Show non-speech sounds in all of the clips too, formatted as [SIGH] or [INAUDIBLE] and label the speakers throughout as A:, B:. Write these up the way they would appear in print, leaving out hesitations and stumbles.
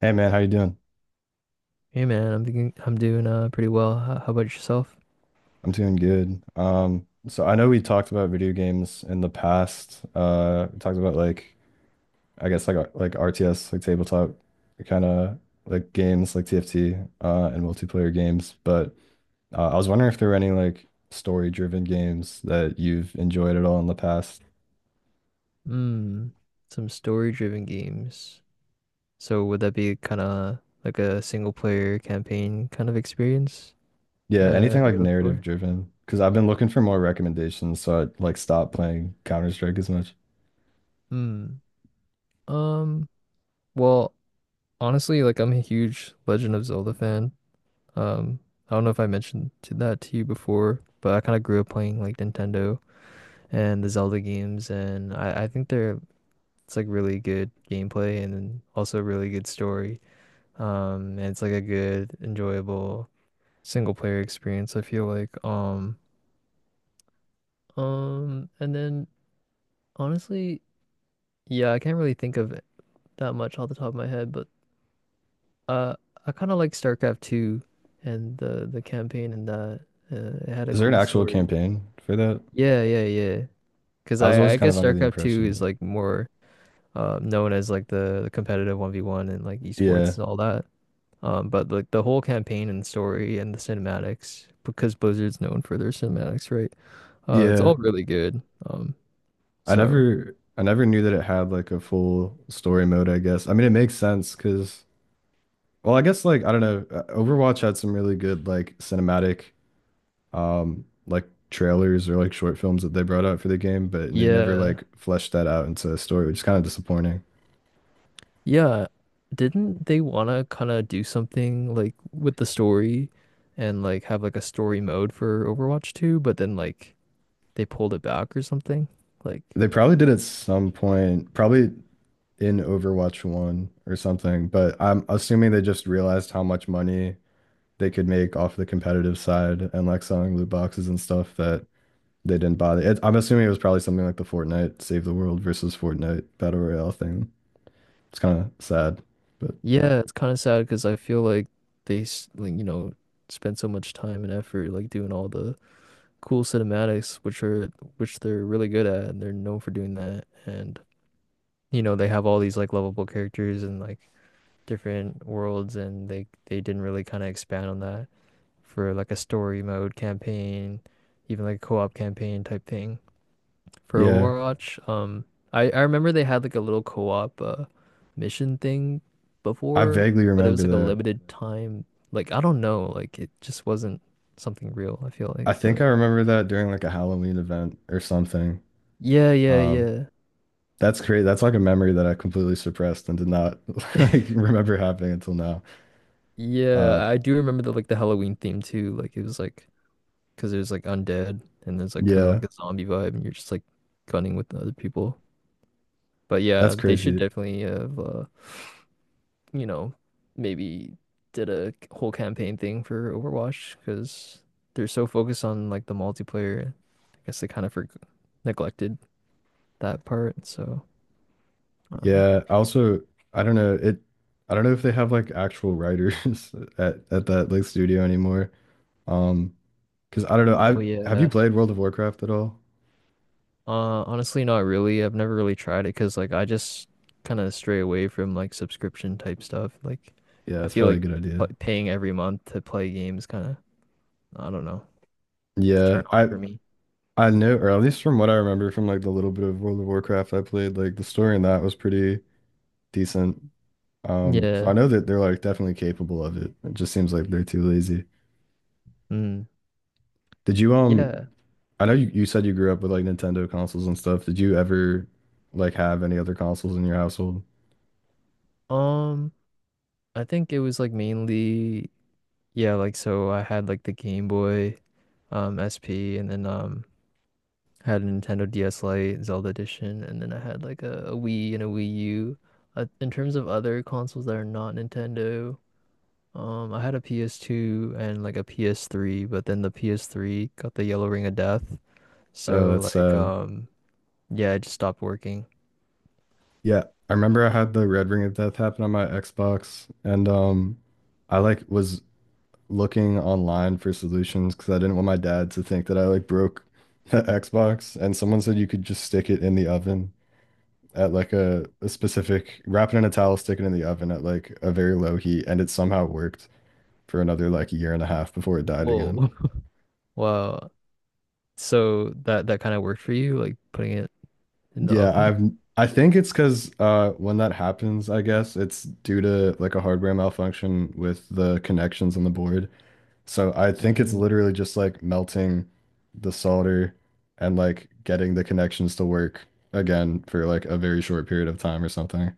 A: Hey man, how you doing?
B: Hey man, I'm thinking I'm doing pretty well. How about yourself?
A: I'm doing good. So I know we talked about video games in the past. We talked about like RTS, like tabletop kind of like games like TFT and multiplayer games. But I was wondering if there were any like story-driven games that you've enjoyed at all in the past.
B: Hmm. Some story-driven games. So would that be kind of like a single-player campaign kind of experience
A: Yeah, anything like
B: you're looking
A: narrative
B: for?
A: driven. Because I've been looking for more recommendations, so I like stopped playing Counter-Strike as much.
B: Hmm. Um, well, Honestly, like I'm a huge Legend of Zelda fan. Um, I don't know if I mentioned to that to you before, but I kind of grew up playing like Nintendo and the Zelda games, and I think they're it's like really good gameplay and then also really good story. And it's like a good, enjoyable single player experience, I feel like. And then honestly, yeah, I can't really think of that much off the top of my head, but uh I kind of like StarCraft 2 and the campaign and that it had a
A: Is there an
B: cool
A: actual
B: story.
A: campaign for that?
B: Yeah, yeah, yeah. 'Cause
A: I was
B: I
A: always
B: I
A: kind of
B: guess
A: under the
B: StarCraft 2 is
A: impression
B: like more known as like the competitive 1v1 and like
A: that, yeah.
B: esports and all that. But like the whole campaign and story and the cinematics, because Blizzard's known for their cinematics, right? It's
A: Yeah,
B: all really good. Um,
A: I
B: so
A: never I never knew that it had like a full story mode, I guess. I mean, it makes sense because, well, I guess like I don't know, Overwatch had some really good like cinematic like trailers or like short films that they brought out for the game, but they never
B: yeah,
A: like fleshed that out into a story, which is kind of disappointing.
B: yeah. Didn't they want to kind of do something like with the story and like have like a story mode for Overwatch 2, but then like they pulled it back or something? Like,
A: They probably did at some point, probably in Overwatch 1 or something, but I'm assuming they just realized how much money they could make off the competitive side and like selling loot boxes and stuff that they didn't bother. It, I'm assuming it was probably something like the Fortnite Save the World versus Fortnite Battle Royale thing. It's kind of sad, but
B: yeah, it's kind of sad because I feel like you know, spent so much time and effort like doing all the cool cinematics, which are which they're really good at, and they're known for doing that. And you know, they have all these like lovable characters and like different worlds, and they didn't really kind of expand on that for like a story mode campaign, even like a co-op campaign type thing for
A: yeah,
B: Overwatch. I remember they had like a little co-op mission thing
A: I
B: before,
A: vaguely
B: but it
A: remember
B: was like a
A: that.
B: limited time. Like I don't know, like it just wasn't something real, I feel like,
A: I think
B: but
A: I remember that during like a Halloween event or something.
B: yeah, yeah,
A: Um,
B: yeah.
A: that's great. That's like a memory that I completely suppressed and did not [LAUGHS]
B: [LAUGHS]
A: like remember happening until now. Uh,
B: Yeah, I do remember the like the Halloween theme too. Like it was like because there's like undead and there's like kind of
A: yeah,
B: like a zombie vibe, and you're just like gunning with the other people. But
A: that's
B: yeah, they should
A: crazy.
B: definitely have you know maybe did a whole campaign thing for Overwatch because they're so focused on like the multiplayer. I guess they kind of for neglected that part. Um,
A: Yeah, I also I don't know it. I don't know if they have like actual writers [LAUGHS] at that like studio anymore. Um, Because I don't know, I
B: oh
A: have you
B: yeah.
A: played World of Warcraft at all?
B: Honestly, not really. I've never really tried it because, like, I just kind of stray away from like subscription type stuff. Like,
A: Yeah,
B: I
A: it's
B: feel
A: probably a
B: like
A: good idea.
B: paying every month to play games kind of, I don't know, it's a
A: Yeah,
B: turn off
A: I
B: for me.
A: I know, or at least from what I remember from like the little bit of World of Warcraft I played, like the story in that was pretty decent. So I
B: Yeah.
A: know that they're like definitely capable of it. It just seems like they're too lazy.
B: Mm.
A: Did you um?
B: Yeah.
A: I know you said you grew up with like Nintendo consoles and stuff. Did you ever like have any other consoles in your household?
B: Um, I think it was like mainly, yeah, like so I had like the Game Boy, SP, and then I had a Nintendo DS Lite, Zelda Edition, and then I had like a Wii and a Wii U. In terms of other consoles that are not Nintendo. I had a PS2 and like a PS3, but then the PS3 got the yellow ring of death. So
A: That's
B: like
A: sad.
B: um yeah, it just stopped working.
A: Yeah, I remember I had the Red Ring of Death happen on my Xbox, and I was looking online for solutions because I didn't want my dad to think that I like broke [LAUGHS] the Xbox. And someone said you could just stick it in the oven at like a specific, wrap it in a towel, stick it in the oven at like a very low heat, and it somehow worked for another like year and a half before it died
B: Whoa.
A: again.
B: [LAUGHS] Wow. So that kind of worked for you, like putting it in the
A: Yeah,
B: oven?
A: I've I think it's because when that happens, I guess it's due to like a hardware malfunction with the connections on the board. So I think it's
B: Mm,
A: literally just like melting the solder and like getting the connections to work again for like a very short period of time or something.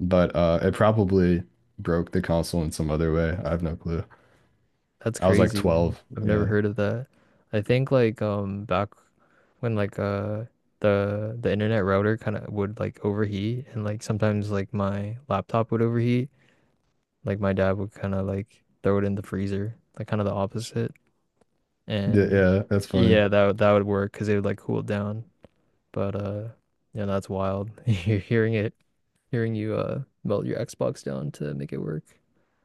A: But it probably broke the console in some other way. I have no clue.
B: that's
A: I was like
B: crazy.
A: 12.
B: I've never
A: Yeah.
B: heard of that. I think like back when like the internet router kind of would like overheat and like sometimes like my laptop would overheat. Like my dad would kind of like throw it in the freezer, like kind of the opposite. And
A: Yeah, that's funny.
B: yeah, that would work because it would like cool it down. But yeah, that's wild. [LAUGHS] You're hearing it, hearing you melt your Xbox down to make it work.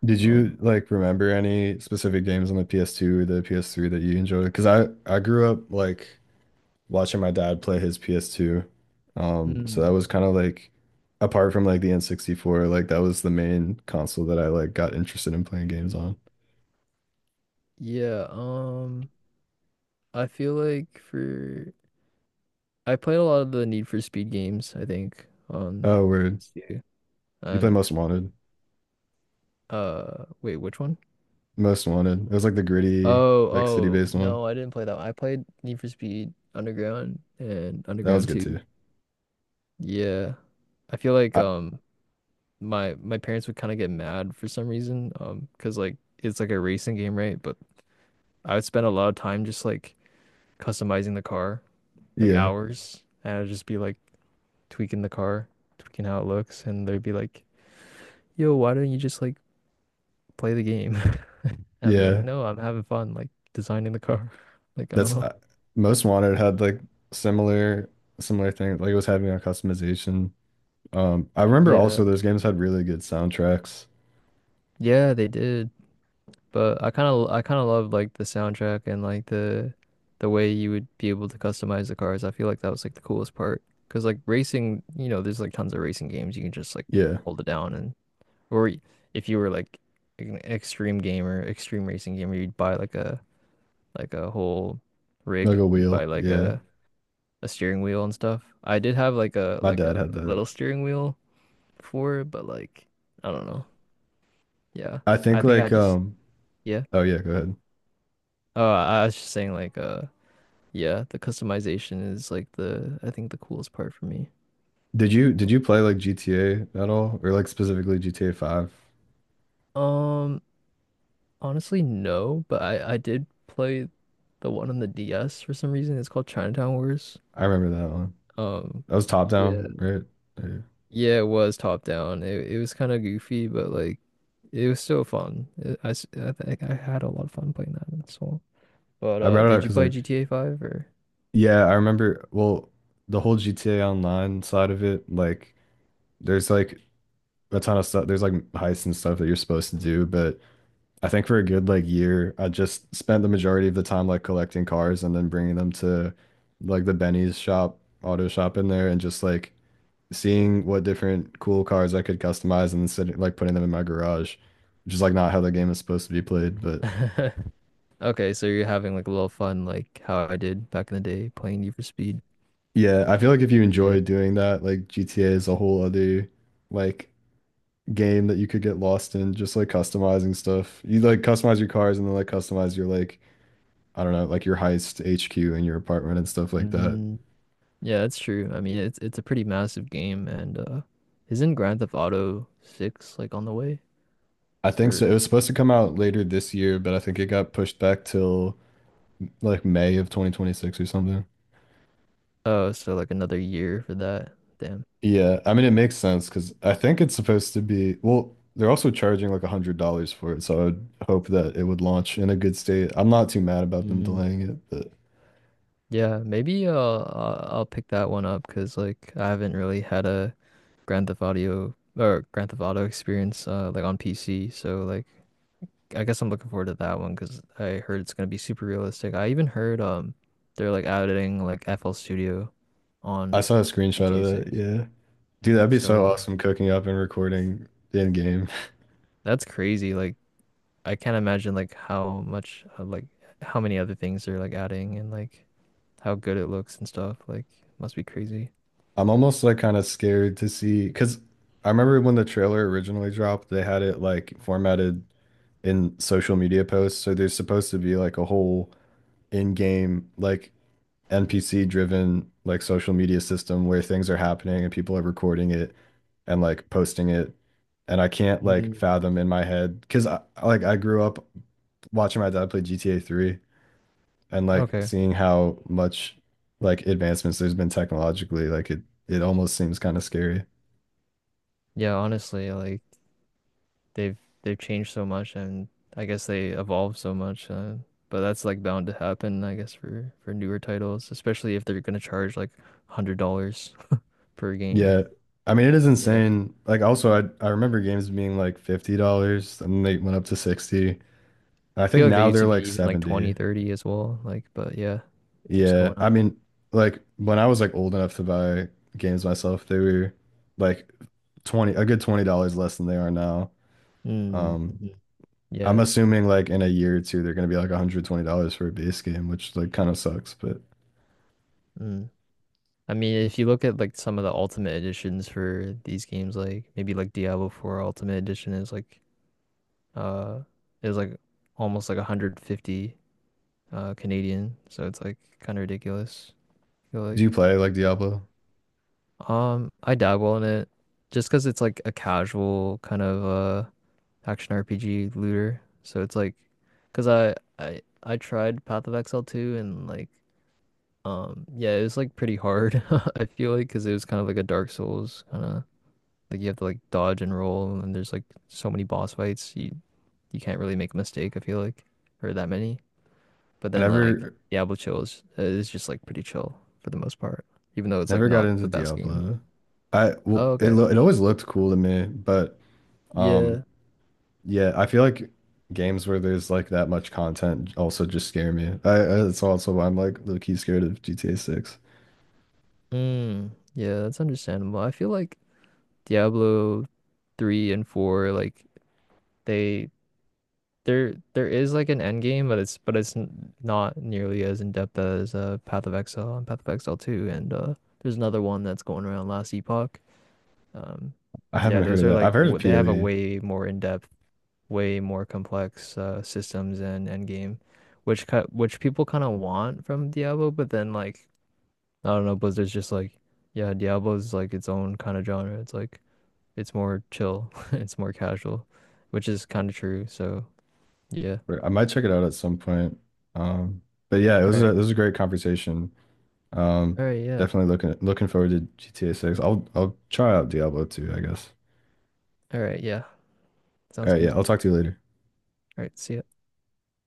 A: Did
B: Um,
A: you like remember any specific games on the PS2 or the PS3 that you enjoyed? Because I grew up like watching my dad play his PS2. So that
B: mm,
A: was kind of like apart from like the N64, like that was the main console that I like got interested in playing games on.
B: yeah. I feel like for I played a lot of the Need for Speed games. I think on
A: Oh, word.
B: PS2
A: You play
B: and
A: Most Wanted.
B: wait, which one?
A: Most Wanted. It was like the gritty,
B: Oh,
A: like
B: oh,
A: city-based one.
B: no, I didn't play that one. I played Need for Speed Underground and
A: That was
B: Underground
A: good
B: 2.
A: too.
B: Yeah. I feel like
A: I,
B: my parents would kind of get mad for some reason because like it's like a racing game, right? But I would spend a lot of time just like customizing the car, like
A: yeah.
B: hours, and I'd just be like tweaking the car, tweaking how it looks, and they'd be like, "Yo, why don't you just like play the game?" [LAUGHS] And I'd be like,
A: Yeah.
B: "No, I'm having fun like designing the car." [LAUGHS] Like, I don't
A: That's
B: know.
A: Most Wanted had like similar similar thing. Like it was having a customization. I remember
B: Yeah.
A: also those games had really good soundtracks.
B: Yeah, they did. But I kind of love like the soundtrack and like the way you would be able to customize the cars. I feel like that was like the coolest part because like racing, you know, there's like tons of racing games you can just like
A: Yeah.
B: hold it down or y- if you were like an extreme gamer, extreme racing gamer, you'd buy like a whole
A: Like
B: rig.
A: a
B: You'd buy
A: wheel.
B: like
A: Yeah.
B: a steering wheel and stuff. I did have
A: My
B: like
A: dad
B: a
A: had that.
B: little steering wheel before, but like I don't know. Yeah.
A: I
B: I
A: think
B: think I
A: like
B: just
A: um
B: Yeah.
A: oh yeah, go ahead.
B: Oh, I was just saying like yeah, the customization is like the I think the coolest part for me.
A: Did you play like GTA at all or like specifically GTA 5?
B: Um, honestly, no, but I did play the one on the DS for some reason. It's called Chinatown Wars.
A: I remember that one.
B: Um,
A: That was top
B: yeah,
A: down, right? Yeah.
B: yeah, it was top down. It was kind of goofy, but like it was still fun. I think I had a lot of fun playing that as well. But
A: I brought it up
B: did you
A: because
B: play
A: like
B: GTA 5 or?
A: yeah, I remember well the whole GTA Online side of it, like there's like a ton of stuff. There's like heists and stuff that you're supposed to do, but I think for a good like year, I just spent the majority of the time like collecting cars and then bringing them to like the Benny's shop, auto shop in there and just like seeing what different cool cars I could customize and sitting, like putting them in my garage, which is like not how the game is supposed to be played. But
B: [LAUGHS] Okay, so you're having like a little fun, like how I did back in the day playing Need for Speed.
A: yeah, I feel like if you
B: Yeah.
A: enjoy doing that, like GTA is a whole other like game that you could get lost in, just like customizing stuff. You like customize your cars and then like customize your like I don't know, like your heist HQ in your apartment and stuff like that.
B: Mm, yeah, that's true. I mean, it's a pretty massive game, and isn't Grand Theft Auto 6 like on the way?
A: I think so. It
B: Or
A: was supposed to come out later this year, but I think it got pushed back till like May of 2026 or something.
B: Oh, so like another year for that. Damn.
A: Yeah, I mean it makes sense because I think it's supposed to be well, they're also charging like $100 for it, so I would hope that it would launch in a good state. I'm not too mad about them
B: Mm.
A: delaying it, but
B: Yeah, maybe I'll pick that one up because like I haven't really had a Grand Theft Audio or Grand Theft Auto experience like on PC, so like I guess I'm looking forward to that one because I heard it's gonna be super realistic. I even heard they're like adding like FL Studio
A: I
B: on
A: saw a screenshot of
B: GTA
A: that.
B: 6.
A: Yeah. Dude, that'd be so
B: So.
A: awesome cooking up and recording in game.
B: That's crazy. Like I can't imagine like how much how many other things they're like adding and like how good it looks and stuff. Like must be crazy.
A: [LAUGHS] I'm almost like kind of scared to see because I remember when the trailer originally dropped, they had it like formatted in social media posts. So there's supposed to be like a whole in-game like NPC driven like social media system where things are happening and people are recording it and like posting it. And I can't like
B: Mm.
A: fathom in my head because I grew up watching my dad play GTA 3 and like
B: Okay.
A: seeing how much like advancements there's been technologically, like it almost seems kind of scary.
B: Yeah, honestly, like they've they've changed so much and I guess they evolved so much. But that's like bound to happen, I guess, for newer titles, especially if they're gonna charge like $100 per game.
A: Yeah. I mean, it is
B: Yeah.
A: insane. Like, also, I remember games being like $50 and they went up to 60. And I
B: I
A: think
B: feel like they
A: now
B: used
A: they're
B: to be
A: like
B: even like 20,
A: 70.
B: 30 as well. Like, but yeah, keeps
A: Yeah,
B: going
A: I
B: up.
A: mean, like when I was like old enough to buy games myself, they were like 20 a good $20 less than they are now.
B: Mm-hmm.
A: Um, I'm
B: Yeah.
A: assuming like in a year or two they're gonna be like $120 for a base game, which like kind of sucks, but
B: Mm. I mean, if you look at like some of the ultimate editions for these games, like maybe like Diablo 4 Ultimate Edition is like uh is like almost like 150 Canadian, so it's like kind of ridiculous, I feel
A: do you
B: like.
A: play like Diablo?
B: I dabble in it just cause it's like a casual kind of action RPG looter. So it's like, cause I tried Path of Exile 2 and like yeah, it was like pretty hard. [LAUGHS] I feel like cause it was kind of like a Dark Souls kind of like you have to like dodge and roll, and there's like so many boss fights. You can't really make a mistake. I feel like, or that many. But
A: I
B: then like
A: never
B: Diablo Chill is just like pretty chill for the most part, even though it's like
A: never got
B: not
A: into
B: the best game.
A: Diablo. I well,
B: Oh,
A: it
B: okay.
A: lo it always looked cool to me, but um
B: Yeah.
A: yeah, I feel like games where there's like that much content also just scare me. I that's also why I'm like low key scared of GTA 6.
B: Mm, yeah, that's understandable. I feel like Diablo 3 and 4 like they there is like an end game, but it's n not nearly as in depth as Path of Exile and Path of Exile 2 and there's another one that's going around, last epoch. Um,
A: I haven't
B: yeah,
A: heard
B: those
A: of
B: are
A: that. I've
B: like
A: heard of
B: they have a
A: POE.
B: way more in-depth, way more complex systems and end game, which cut which people kind of want from Diablo, but then like I don't know, Blizzard's just like, yeah, Diablo's like its own kind of genre. It's like it's more chill, [LAUGHS] it's more casual, which is kind of true. So yeah.
A: But I might check it out at some point. Um, but yeah,
B: All
A: it
B: right.
A: was a great conversation. Um,
B: All right. Yeah.
A: definitely looking forward to GTA 6. I'll try out Diablo 2, I guess.
B: All right. Yeah. Sounds
A: All right, yeah,
B: good.
A: I'll talk to you later.
B: All right. See ya.